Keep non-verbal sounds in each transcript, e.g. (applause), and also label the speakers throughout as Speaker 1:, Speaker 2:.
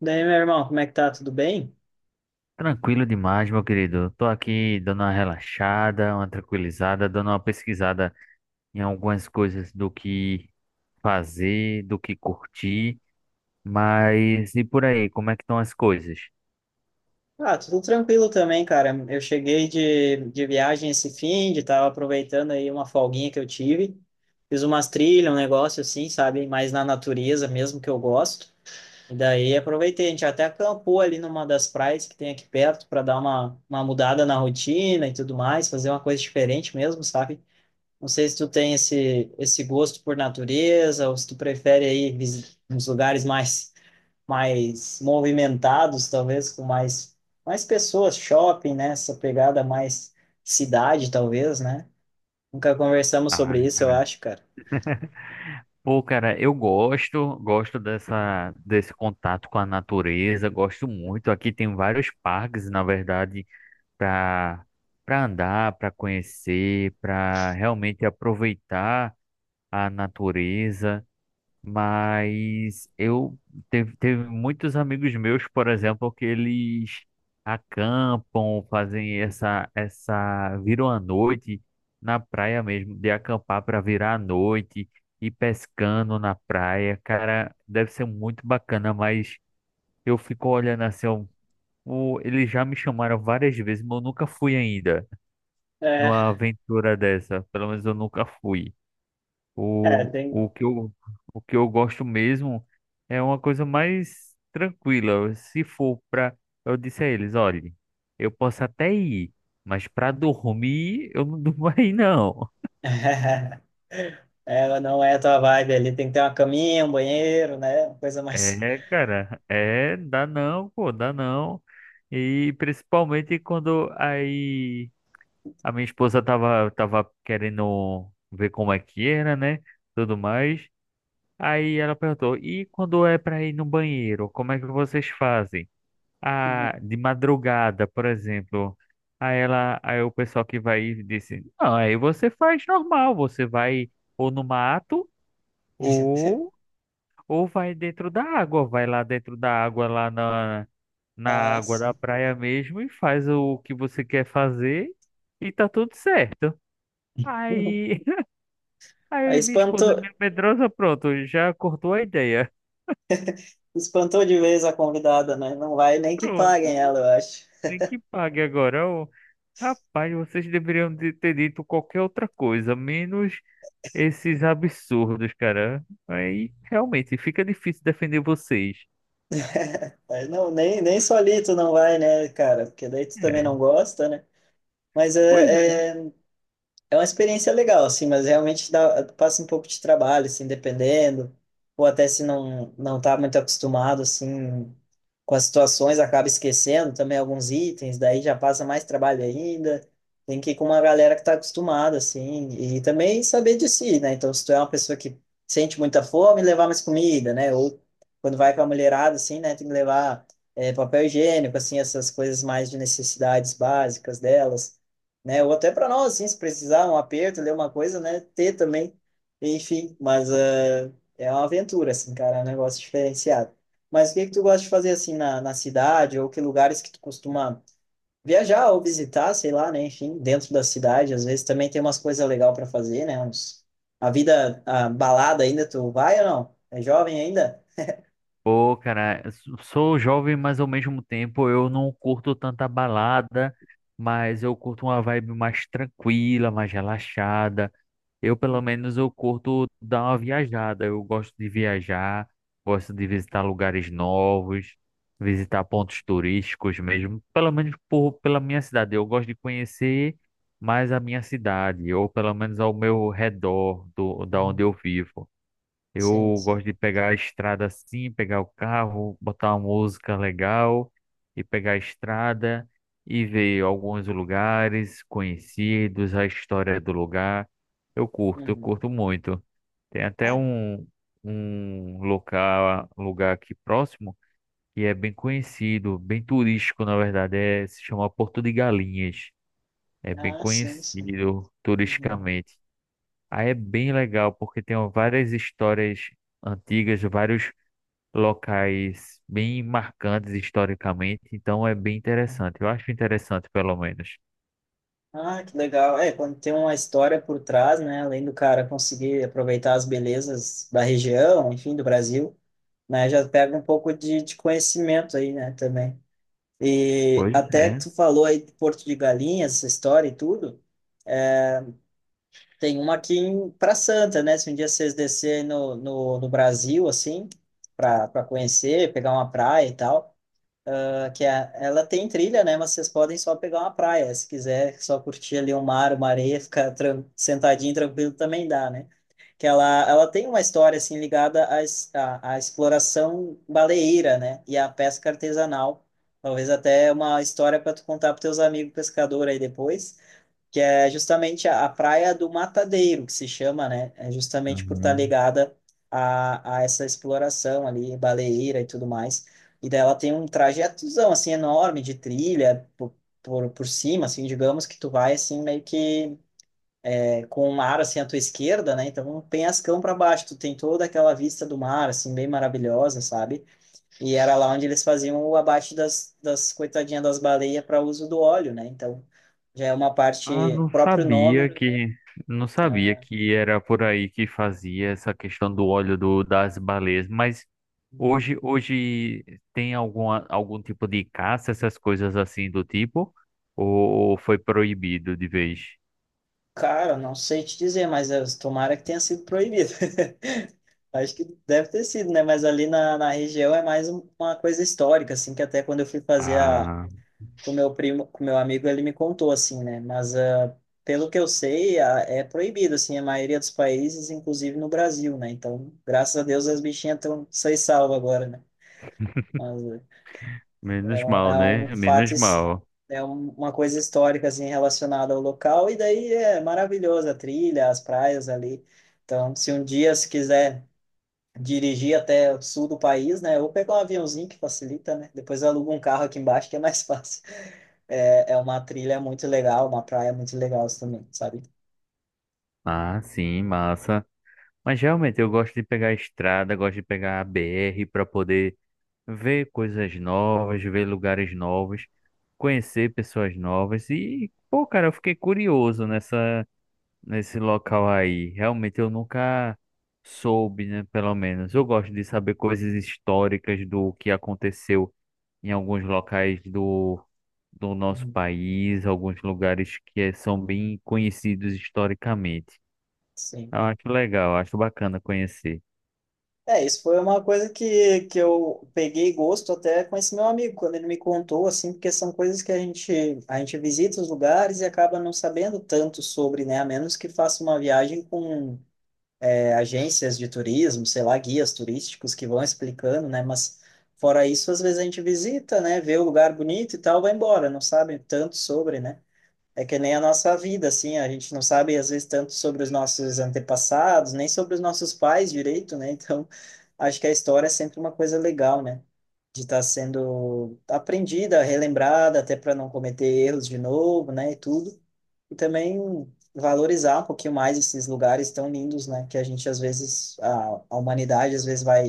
Speaker 1: Daí, meu irmão, como é que tá? Tudo bem?
Speaker 2: Tranquilo demais, meu querido. Tô aqui dando uma relaxada, uma tranquilizada, dando uma pesquisada em algumas coisas do que fazer, do que curtir. Mas e por aí, como é que estão as coisas?
Speaker 1: Ah, tudo tranquilo também, cara. Eu cheguei de viagem esse fim, de tava aproveitando aí uma folguinha que eu tive. Fiz umas trilhas, um negócio assim, sabe? Mais na natureza mesmo que eu gosto. E daí aproveitei, a gente até acampou ali numa das praias que tem aqui perto para dar uma mudada na rotina e tudo mais, fazer uma coisa diferente mesmo, sabe? Não sei se tu tem esse gosto por natureza ou se tu prefere aí uns lugares mais mais movimentados, talvez com mais, mais pessoas, shopping, né? Essa pegada mais cidade, talvez, né? Nunca conversamos
Speaker 2: Ah,
Speaker 1: sobre isso, eu
Speaker 2: cara.
Speaker 1: acho, cara.
Speaker 2: Pô, cara, eu gosto, desse contato com a natureza, gosto muito. Aqui tem vários parques, na verdade, para andar, para conhecer, para realmente aproveitar a natureza. Mas eu teve muitos amigos meus, por exemplo, que eles acampam, fazem essa viram a noite na praia mesmo, de acampar para virar a noite e pescando na praia. Cara, deve ser muito bacana, mas eu fico olhando assim, ó, eles já me chamaram várias vezes, mas eu nunca fui ainda
Speaker 1: É,
Speaker 2: numa aventura dessa. Pelo menos eu nunca fui.
Speaker 1: é,
Speaker 2: O,
Speaker 1: tem.
Speaker 2: o que eu, o que eu gosto mesmo é uma coisa mais tranquila. Se for para, eu disse a eles, olhe, eu posso até ir, mas para dormir eu não (laughs) durmo aí não.
Speaker 1: (laughs) Ela não é a tua vibe ali, tem que ter uma caminha, um banheiro, né? Uma coisa mais.
Speaker 2: É, cara, é, dá não, pô, dá não. E principalmente quando aí a minha esposa tava querendo ver como é que era, né? Tudo mais. Aí ela perguntou, e quando é para ir no banheiro, como é que vocês fazem? A, de madrugada, por exemplo. Aí o pessoal que vai e disse, não, aí você faz normal, você vai ou no mato
Speaker 1: (laughs)
Speaker 2: ou ou vai dentro da água, vai lá dentro da água lá na
Speaker 1: Ah,
Speaker 2: água da
Speaker 1: sim.
Speaker 2: praia mesmo e faz o que você quer fazer e tá tudo certo. Aí, (laughs)
Speaker 1: Aí
Speaker 2: aí minha esposa é
Speaker 1: espantou,
Speaker 2: meio medrosa, pronto, já cortou a ideia. (laughs)
Speaker 1: espantou de vez a convidada, né? Não vai nem que
Speaker 2: Pronto.
Speaker 1: paguem ela, eu acho.
Speaker 2: Tem que pague agora. Ô, rapaz, vocês ter dito qualquer outra coisa, menos esses absurdos, cara. Aí realmente fica difícil defender vocês.
Speaker 1: (laughs) Mas não, nem, nem solito não vai, né, cara? Porque daí tu também não
Speaker 2: É.
Speaker 1: gosta, né? Mas
Speaker 2: Pois é.
Speaker 1: é, é, é uma experiência legal, assim, mas realmente dá, passa um pouco de trabalho, assim, dependendo, ou até se não não tá muito acostumado, assim, com as situações, acaba esquecendo também alguns itens, daí já passa mais trabalho ainda, tem que ir com uma galera que tá acostumada, assim, e também saber de si, né? Então, se tu é uma pessoa que sente muita fome, levar mais comida, né? Ou quando vai com a mulherada, assim, né, tem que levar é, papel higiênico, assim, essas coisas mais de necessidades básicas delas, né? Ou até para nós, assim, se precisar um aperto, ler uma coisa, né? Ter também, enfim, mas ah, é uma aventura, assim, cara, é um negócio diferenciado. Mas o que que tu gosta de fazer, assim, na cidade, ou que lugares que tu costuma viajar ou visitar, sei lá, né? Enfim, dentro da cidade, às vezes também tem umas coisas legais para fazer, né? Uns... A vida, a balada ainda, tu vai ou não? É jovem ainda?
Speaker 2: Pô, cara, sou jovem, mas ao mesmo tempo eu não curto tanta balada, mas eu curto uma vibe mais tranquila, mais relaxada. Eu, pelo
Speaker 1: Uhum.
Speaker 2: menos, eu curto dar uma viajada. Eu gosto de viajar, gosto de visitar lugares novos, visitar pontos turísticos mesmo. Pela minha cidade. Eu gosto de conhecer mais a minha cidade, ou pelo menos ao meu redor da onde eu
Speaker 1: Uhum.
Speaker 2: vivo.
Speaker 1: Sim,
Speaker 2: Eu
Speaker 1: sim.
Speaker 2: gosto de pegar a estrada assim, pegar o carro, botar uma música legal e pegar a estrada e ver alguns lugares conhecidos, a história do lugar. Eu
Speaker 1: Uhum.
Speaker 2: curto muito. Tem até
Speaker 1: Ah,
Speaker 2: um, um local, lugar aqui próximo que é bem conhecido, bem turístico, na verdade, é, se chama Porto de Galinhas. É bem
Speaker 1: ah, sim, sim.
Speaker 2: conhecido
Speaker 1: Uhum.
Speaker 2: turisticamente. Aí é bem legal, porque tem várias histórias antigas, vários locais bem marcantes historicamente, então é bem interessante. Eu acho interessante, pelo menos.
Speaker 1: Ah, que legal. É, quando tem uma história por trás, né, além do cara conseguir aproveitar as belezas da região, enfim, do Brasil, né, já pega um pouco de conhecimento aí, né, também. E
Speaker 2: Pois
Speaker 1: até que
Speaker 2: é.
Speaker 1: tu falou aí de Porto de Galinhas, essa história e tudo, tem uma aqui em Pra Santa, né, se um dia vocês descerem no Brasil, assim, para para conhecer, pegar uma praia e tal, ah, que é, ela tem trilha, né? Mas vocês podem só pegar uma praia, se quiser só curtir ali um mar, uma areia, ficar tran sentadinho, tranquilo, também dá, né? Que ela tem uma história, assim, ligada à, à exploração baleeira, né? E à pesca artesanal. Talvez até uma história para tu contar para teus amigos pescadores aí depois que é justamente a Praia do Matadeiro, que se chama, né? É justamente por estar
Speaker 2: Uhum.
Speaker 1: ligada a essa exploração ali, baleeira e tudo mais. E daí ela tem um trajetozão, assim, enorme de trilha por, por cima, assim, digamos que tu vai, assim, meio que é, com o mar, assim, à tua esquerda, né? Então, um penhascão para baixo, tu tem toda aquela vista do mar, assim, bem maravilhosa, sabe? E era lá onde eles faziam o abate das, das coitadinhas das baleias para uso do óleo, né? Então, já é uma
Speaker 2: Ah,
Speaker 1: parte, próprio nome,
Speaker 2: não sabia que era por aí que fazia essa questão do óleo das baleias, mas hoje tem algum tipo de caça, essas coisas assim do tipo, ou, ou foi proibido de vez?
Speaker 1: cara, não sei te dizer, mas eh, tomara que tenha sido proibido. (laughs) Acho que deve ter sido, né? Mas ali na, na região é mais uma coisa histórica, assim, que até quando eu fui fazer a,
Speaker 2: Ah.
Speaker 1: com meu primo, com meu amigo, ele me contou, assim, né? Mas ah, pelo que eu sei, é proibido, assim, a maioria dos países, inclusive no Brasil, né? Então, graças a Deus, as bichinhas estão são salvas agora, né?
Speaker 2: Menos mal,
Speaker 1: É um
Speaker 2: né?
Speaker 1: fato,
Speaker 2: Menos mal.
Speaker 1: é uma coisa histórica assim relacionada ao local, e daí é maravilhosa a trilha, as praias ali. Então, se um dia se quiser dirigir até o sul do país, né, ou pegar um aviãozinho que facilita, né? Depois aluga um carro aqui embaixo que é mais (laughs) fácil. É, é uma trilha muito legal, uma praia muito legal também, sabe?
Speaker 2: Ah, sim, massa. Mas realmente eu gosto de pegar a estrada, gosto de pegar a BR para poder ver coisas novas, ver lugares novos, conhecer pessoas novas. E, pô, cara, eu fiquei curioso nessa, nesse local aí. Realmente eu nunca soube, né? Pelo menos. Eu gosto de saber coisas históricas do que aconteceu em alguns locais do nosso
Speaker 1: Uhum.
Speaker 2: país, alguns lugares que eh, são bem conhecidos historicamente.
Speaker 1: Sim.
Speaker 2: Eu acho legal, acho bacana conhecer.
Speaker 1: É, isso foi uma coisa que eu peguei gosto até com esse meu amigo, quando ele me contou, assim, porque são coisas que a gente visita os lugares e acaba não sabendo tanto sobre, né? A menos que faça uma viagem com é, agências de turismo, sei lá, guias turísticos que vão explicando, né? Mas fora isso, às vezes a gente visita, né? Vê o lugar bonito e tal, vai embora, não sabe tanto sobre, né? É que nem a nossa vida, assim, a gente não sabe às vezes tanto sobre os nossos antepassados, nem sobre os nossos pais direito, né? Então, acho que a história é sempre uma coisa legal, né? De estar sendo aprendida, relembrada, até para não cometer erros de novo, né? E tudo. E também valorizar um pouquinho mais esses lugares tão lindos, né? Que a gente às vezes, a humanidade às vezes vai,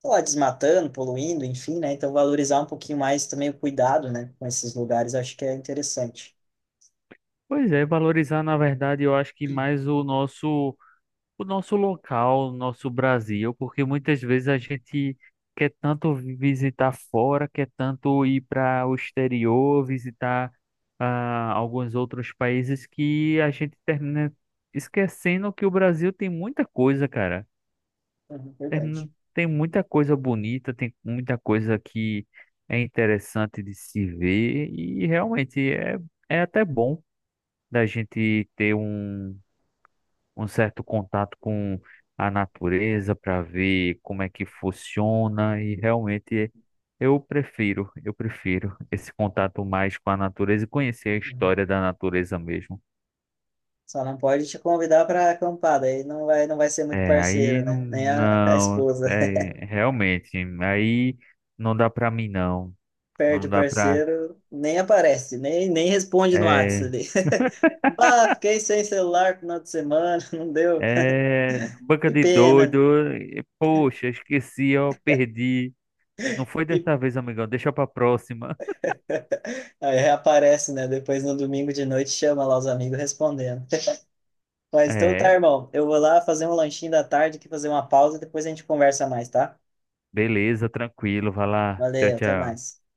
Speaker 1: sei lá, desmatando, poluindo, enfim, né? Então, valorizar um pouquinho mais também o cuidado, né? Com esses lugares, acho que é interessante.
Speaker 2: Pois é, valorizar, na verdade, eu acho que mais o nosso local, o nosso Brasil, porque muitas vezes a gente quer tanto visitar fora, quer tanto ir para o exterior, visitar alguns outros países que a gente termina esquecendo que o Brasil tem muita coisa, cara.
Speaker 1: Uhum,
Speaker 2: Tem
Speaker 1: verdade.
Speaker 2: tem muita coisa bonita, tem muita coisa que é interessante de se ver e realmente é, é até bom da gente um certo contato com a natureza para ver como é que funciona e realmente eu prefiro esse contato mais com a natureza e conhecer a
Speaker 1: Uhum.
Speaker 2: história da natureza mesmo.
Speaker 1: Só não pode te convidar para acampar, aí não vai, não vai ser muito
Speaker 2: É,
Speaker 1: parceiro,
Speaker 2: aí
Speaker 1: né? Nem a
Speaker 2: não,
Speaker 1: esposa. (laughs)
Speaker 2: é realmente, aí não dá para mim não.
Speaker 1: Perde
Speaker 2: Não
Speaker 1: o
Speaker 2: dá pra.
Speaker 1: parceiro, nem aparece, nem, nem responde no
Speaker 2: É,
Speaker 1: WhatsApp ali. (laughs) Bah, fiquei sem celular no final de semana, (laughs) não deu.
Speaker 2: é, banca
Speaker 1: Que
Speaker 2: de
Speaker 1: pena.
Speaker 2: doido. E, poxa, esqueci, ó, perdi. Não foi
Speaker 1: E
Speaker 2: dessa vez, amigão. Deixa pra próxima.
Speaker 1: (laughs) aí reaparece, né? Depois no domingo de noite chama lá os amigos respondendo. (laughs) Mas então tá,
Speaker 2: É,
Speaker 1: irmão. Eu vou lá fazer um lanchinho da tarde, aqui fazer uma pausa e depois a gente conversa mais, tá?
Speaker 2: beleza, tranquilo. Vai lá. Tchau,
Speaker 1: Valeu, até
Speaker 2: tchau.
Speaker 1: mais.